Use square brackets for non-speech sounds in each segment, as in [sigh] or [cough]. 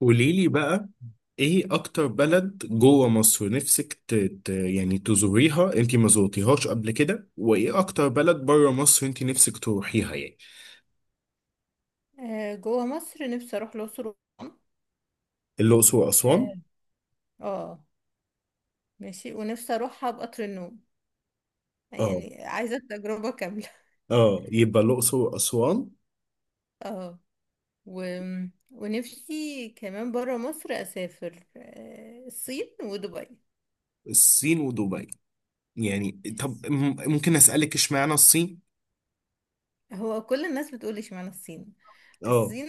قولي لي بقى، ايه اكتر بلد جوه مصر نفسك يعني تزوريها، انت ما زورتيهاش قبل كده، وايه اكتر بلد بره مصر انت نفسك تروحيها يعني؟ جوه مصر نفسي اروح الاقصر واسوان. الاقصر واسوان. اه. آه، ماشي، ونفسي اروحها بقطر النوم. اه. يعني عايزه التجربه كامله. اه، يبقى الاقصر واسوان. [laughs] اه. و... ونفسي كمان بره مصر اسافر، الصين ودبي. الصين ودبي؟ يعني طب ممكن اسالك اشمعنى الصين؟ هو كل الناس بتقول اشمعنى الصين. اه. الصين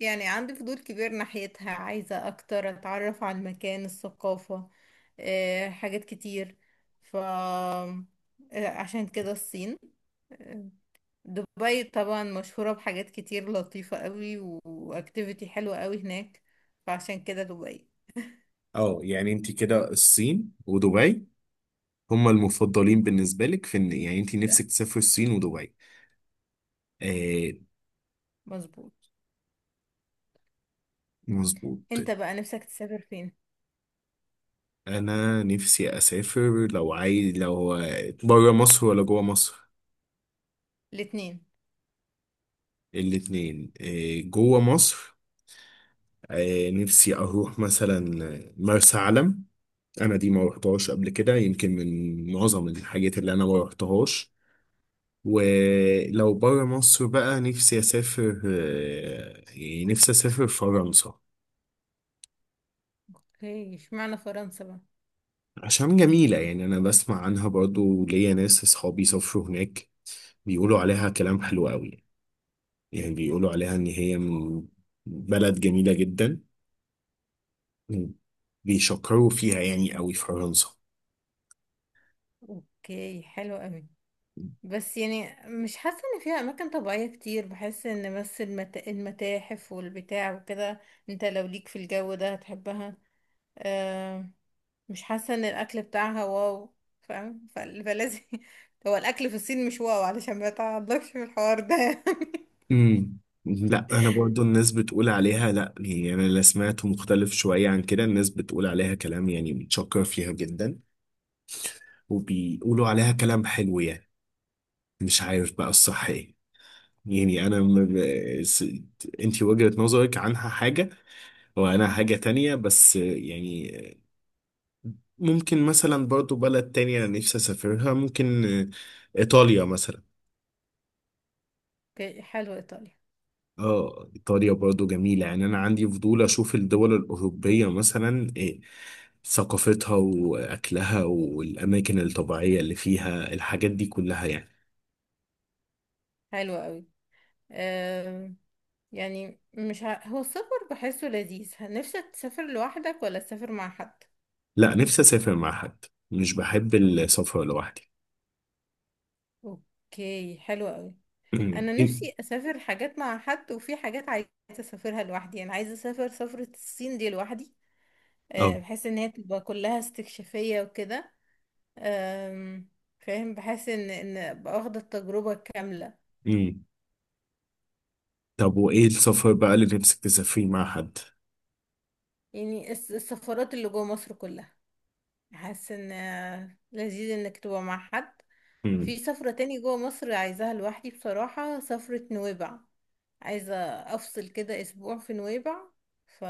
يعني عندي فضول كبير ناحيتها، عايزة اكتر اتعرف على المكان، الثقافة، حاجات كتير. ف آه، عشان كده الصين. آه، دبي طبعا مشهورة بحاجات كتير لطيفة قوي، واكتيفيتي حلوة قوي هناك. فعشان كده دبي. اه، يعني انت كده الصين ودبي هما المفضلين بالنسبه لك، في ان يس. يعني انت لا، نفسك تسافر الصين ودبي؟ آه، مظبوط. مظبوط. انت بقى نفسك تسافر فين؟ انا نفسي اسافر، لو عايز، لو بره مصر ولا جوه مصر؟ الاتنين. الاتنين إيه، جوه مصر. إيه، نفسي اروح مثلا مرسى علم. انا دي ما رحتهاش قبل كده، يمكن من معظم الحاجات اللي انا ما رحتهاش. ولو بره مصر بقى نفسي اسافر، يعني نفسي اسافر فرنسا. اوكي، اشمعنى فرنسا بقى؟ عشان جميلة، يعني انا بسمع عنها برضو، ليا ناس اصحابي سافروا هناك. بيقولوا عليها كلام حلو قوي. يعني بيقولوا عليها إن هي من بلد جميلة جدا. بيشكروا فيها يعني قوي في فرنسا. اوكي حلو قوي، بس يعني مش حاسة ان فيها اماكن طبيعية كتير، بحس ان بس المتاحف والبتاع وكده. انت لو ليك في الجو ده هتحبها. آه، مش حاسة ان الاكل بتاعها واو. فاهم، فلازم. [laughs] هو الاكل في الصين مش واو علشان ما تعضلكش في الحوار ده. [laughs] يعني. امم لا، أنا برضو الناس بتقول عليها لا، يعني أنا اللي سمعته مختلف شوية عن كده، الناس بتقول عليها كلام يعني بتشكر فيها جدا. وبيقولوا عليها كلام حلو يعني. مش عارف بقى الصح إيه. يعني س... انت وجهة نظرك عنها حاجة، وانا حاجة تانية، بس يعني ممكن مثلا برضو بلد تانية نفسي اسافرها، ممكن ايطاليا مثلا. اوكي، حلو، ايطاليا. اه، ايطاليا برضو جميلة. يعني انا عندي فضول اشوف الدول الاوروبية، مثلا إيه ثقافتها واكلها والاماكن الطبيعية اللي فيها، الحاجات دي كلها يعني. حلو قوي. آه، يعني مش هو السفر بحسه لذيذ. نفسك تسافر لوحدك ولا تسافر مع حد؟ لا، نفسي اسافر مع حد، مش بحب السفر لوحدي. اوكي حلو قوي. [clears throat] انا إيه؟ نفسي اسافر حاجات مع حد، وفي حاجات عايزه اسافرها لوحدي. انا عايزه اسافر سفره الصين دي لوحدي. اه. آه، بحس ان هي تبقى كلها استكشافيه وكده. آم، فاهم، بحس ان أبقى واخده التجربه الكامله. إمم. طب وإيه السفر بقى اللي نفسك تسافريه مع حد؟ يعني السفرات اللي جوه مصر كلها حاسه ان لذيذ انك تبقى مع حد. مم. في سفره تاني جوه مصر عايزاها لوحدي، بصراحه سفره نويبع. عايزه افصل كده اسبوع في نويبع. ف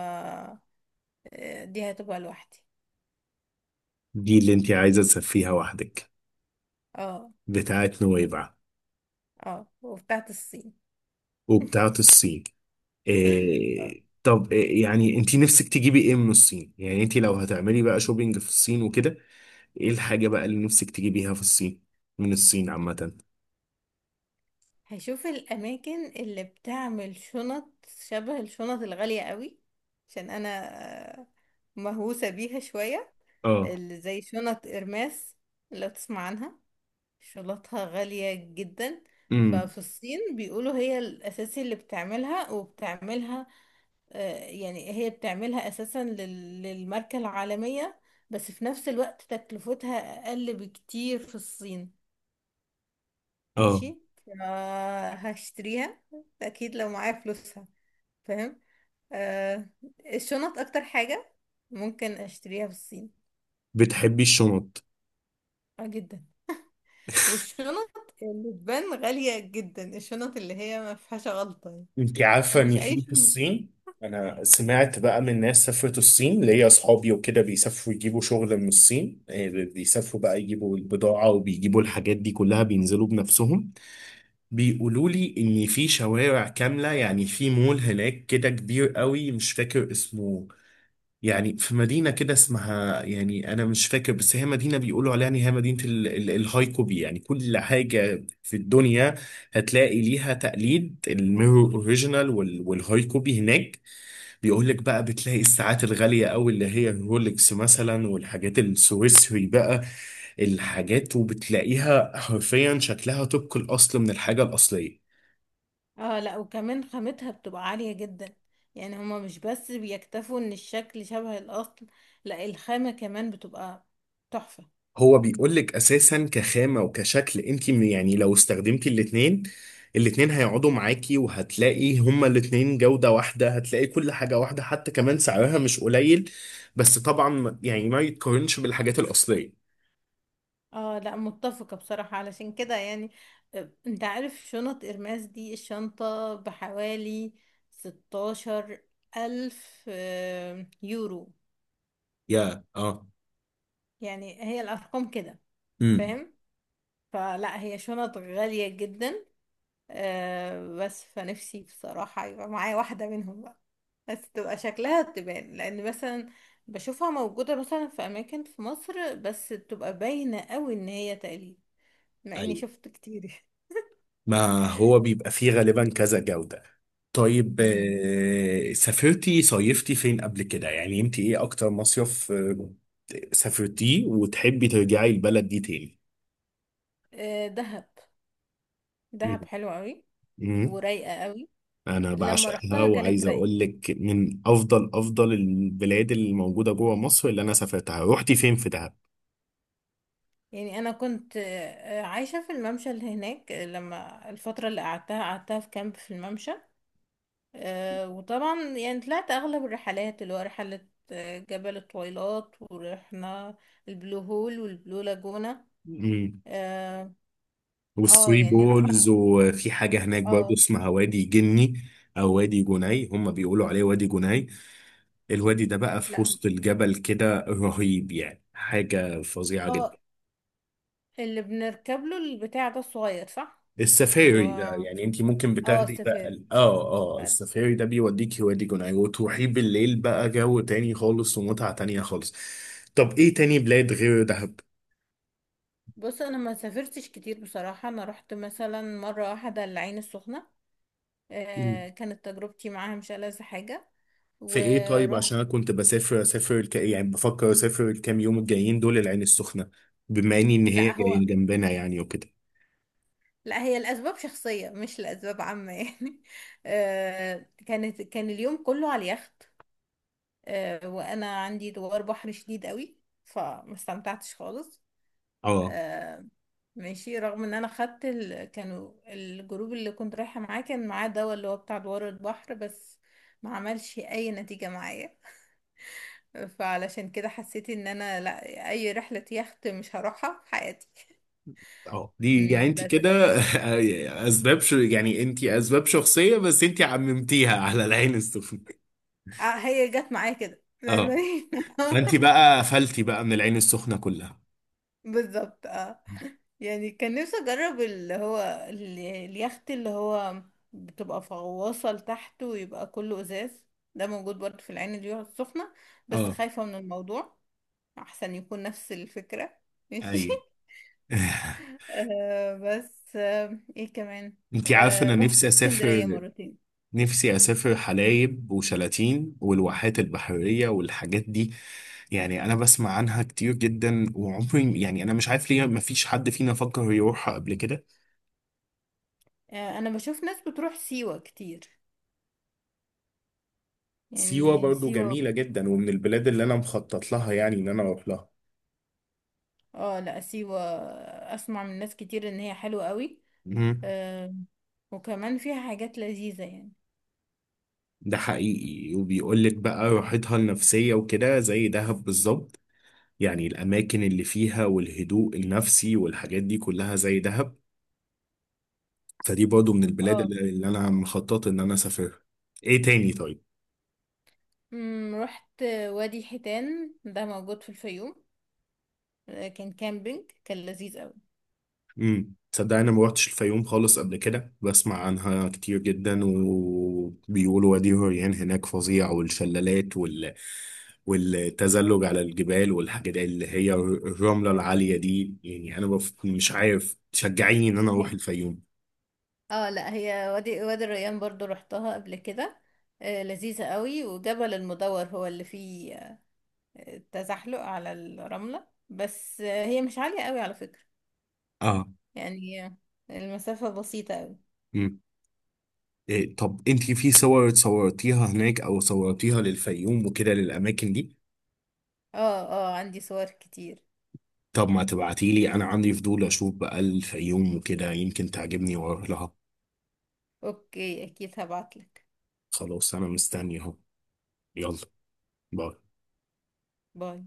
دي هتبقى لوحدي. دي اللي أنت عايزة تسافريها وحدك؟ اه. بتاعت نويبع. اه، وبتاعت الصين. وبتاعت الصين. [laughs] آه. إيه طب، إيه يعني أنت نفسك تجيبي إيه من الصين؟ يعني أنت لو هتعملي بقى شوبينج في الصين وكده. إيه الحاجة بقى اللي نفسك تجيبيها في الصين؟ من الصين عامة؟ هشوف الأماكن اللي بتعمل شنط شبه الشنط الغالية قوي، عشان أنا آه، مهووسة بيها شوية. آه. اللي زي شنط إرماس، لو تسمع عنها، شنطها غالية جدا. امم ففي الصين بيقولوا هي الأساسي اللي بتعملها وبتعملها. آه، يعني هي بتعملها أساسا للماركة العالمية، بس في نفس الوقت تكلفتها أقل بكتير في الصين. آه، ماشي، هشتريها اكيد لو معايا فلوسها. فاهم. آه، الشنط اكتر حاجة ممكن اشتريها في الصين. بتحبي الشنط؟ اه جدا. [laughs] والشنط اللي تبان غالية جدا، الشنط اللي هي ما فيهاش غلطة يعني. انت عارفه ان مش اي في شنط. الصين، انا سمعت بقى من ناس سافرت الصين، ليا اصحابي وكده، بيسافروا يجيبوا شغل من الصين، إيه، بيسافروا بقى يجيبوا البضاعه، وبيجيبوا الحاجات دي كلها، بينزلوا بنفسهم. بيقولوا لي ان في شوارع كامله، يعني في مول هناك كده كبير قوي، مش فاكر اسمه. يعني في مدينة كده اسمها، يعني أنا مش فاكر، بس هي مدينة بيقولوا عليها إن هي مدينة الهايكوبي، يعني كل حاجة في الدنيا هتلاقي ليها تقليد، الميرور أوريجينال والهايكوبي هناك. بيقول لك بقى بتلاقي الساعات الغالية أوي، اللي هي الرولكس مثلا، والحاجات السويسري بقى، الحاجات، وبتلاقيها حرفيا شكلها طبق الأصل من الحاجة الأصلية. اه لا، وكمان خامتها بتبقى عالية جدا. يعني هما مش بس بيكتفوا ان الشكل شبه الاصل، لا الخامة كمان بتبقى تحفة. هو بيقول لك اساسا كخامه وكشكل، انت يعني لو استخدمتي الاثنين، الاثنين هيقعدوا معاكي، وهتلاقي هما الاثنين جوده واحده، هتلاقي كل حاجه واحده، حتى كمان سعرها مش قليل. بس طبعا يعني ما يتقارنش بالحاجات الاصليه. اه لا، متفقة بصراحة. علشان كده يعني، انت عارف شنط ارماس دي الشنطة بحوالي 16 ألف يورو. يا، اه. يعني هي الأرقام كده. امم فاهم؟ فلا، هي شنط غالية جدا. آه، بس فنفسي بصراحة يبقى معايا واحدة منهم بقى، بس تبقى شكلها تبان، لأن مثلا بشوفها موجودة مثلا في أماكن في مصر بس تبقى باينة قوي إن هي تقليد، مع إني ايوه، شفت كتير. ما هو بيبقى فيه غالبا كذا جوده. طيب، [laughs] سافرتي صيفتي فين قبل كده؟ يعني انت ايه اكتر مصيف سافرتيه وتحبي ترجعي البلد دي آه، دهب. دهب تاني؟ حلوة قوي مم. ورايقة قوي. انا لما بعشقها، رحتها كانت وعايز رايقة، اقول لك من افضل افضل البلاد اللي موجوده جوه مصر اللي انا سافرتها. رحتي فين في دهب؟ يعني انا كنت عايشة في الممشى اللي هناك. لما الفترة اللي قعدتها في كامب في الممشى. آه، وطبعا يعني طلعت اغلب الرحلات، اللي هو رحلة جبل الطويلات، ورحنا البلو هول والبلو لاجونا. مم. اه. آه، والثري يعني رحنا. بولز، وفي حاجه هناك برضه اه اسمها وادي جني. او وادي جني، هم بيقولوا عليه وادي جني. الوادي ده بقى في لا، وسط الجبل كده رهيب، يعني حاجه فظيعه اه، جدا. اللي بنركب له البتاع ده الصغير، صح؟ اللي السفاري ده هو، يعني انت ممكن اه، بتاخدي بقى السفير. اه. اه، السفاري ده بيوديكي وادي جناي، وتروحي بالليل بقى، جو تاني خالص ومتعة تانية خالص. طب ايه تاني بلاد غير دهب؟ بص انا ما سافرتش كتير بصراحه. انا رحت مثلا مره واحده العين السخنه، آه كانت تجربتي معاها مش ألذ حاجه. في ايه طيب؟ ورحت، عشان انا كنت اسافر يعني بفكر اسافر الكام يوم الجايين دول العين السخنة، بما اني ان هي لا هو، جاي جنبنا يعني وكده. لا هي الاسباب شخصيه مش لاسباب عامه يعني. [laughs] آه كانت، كان اليوم كله على اليخت، آه وانا عندي دوار بحر شديد قوي، فما استمتعتش خالص. اه. آه، ماشي. رغم ان انا خدت كانوا الجروب اللي كنت رايحة معاه كان معاه دواء اللي هو بتاع دوار البحر، بس ما عملش اي نتيجة معايا. فعلشان كده حسيت ان انا لا، اي رحلة يخت مش هروحها في حياتي. [laughs] اه، دي يعني مم، انت بس. كده [laughs] اسباب شو، يعني انت اسباب شخصية، بس انت عممتيها على العين السخنة. آه، هي جت معايا كده. [laughs] اه، فانت بقى قفلتي بقى من العين السخنه كلها. بالظبط اه. يعني كان نفسي اجرب اللي هو اليخت اللي هو بتبقى غواصه لتحت ويبقى كله ازاز. ده موجود برضه في العين اليوم السخنة، بس اه. خايفة من الموضوع. احسن يكون نفس الفكرة. [laughs] ماشي. اي. [laughs] آه بس، آه ايه كمان. انت عارفه، آه، انا رحت نفسي اسكندرية اسافر مرتين. نفسي اسافر حلايب وشلاتين والواحات البحريه والحاجات دي. يعني انا بسمع عنها كتير جدا، وعمري يعني انا مش عارف ليه ما فيش حد فينا فكر يروحها قبل كده. آه، انا بشوف ناس بتروح سيوة كتير. سيوه يعني برضو سيوة. جميله جدا، ومن البلاد اللي انا مخطط لها، يعني ان انا اروح لها. اه لا، سيوة اسمع من ناس كتير ان هي حلوة قوي. مم. آه، وكمان فيها حاجات لذيذة يعني. ده حقيقي، وبيقول لك بقى راحتها النفسيه وكده زي دهب بالظبط. يعني الأماكن اللي فيها والهدوء النفسي والحاجات دي كلها زي دهب. فدي برضو من البلاد اه. اللي أنا مخطط إن أنا أسافرها. إيه تاني طيب؟ مم، رحت وادي حيتان ده موجود في الفيوم. آه، كان كامبينج، كان لذيذ قوي. تصدق أنا ما روحتش الفيوم خالص قبل كده، بسمع عنها كتير جدا، وبيقولوا وادي الريان هناك فظيع، والشلالات والتزلج على الجبال، والحاجات اللي هي الرملة العالية دي، يعني أنا مش عارف، تشجعيني إن أنا هي- أروح الفيوم؟ اه لا، هي وادي الريان برضو رحتها قبل كده. آه، لذيذة قوي. وجبل المدور هو اللي فيه تزحلق على الرملة، بس هي مش عالية قوي على فكرة. اه. يعني المسافة بسيطة قوي. إيه طب، انت في صور صورتيها هناك، او صورتيها للفيوم وكده للاماكن دي؟ اه. اه، عندي صور كتير. طب ما تبعتي لي، انا عندي فضول اشوف بقى الفيوم وكده، يمكن تعجبني واروح لها. اوكي اكيد هبعتلك. خلاص، انا مستني اهو. يلا، باي. باي.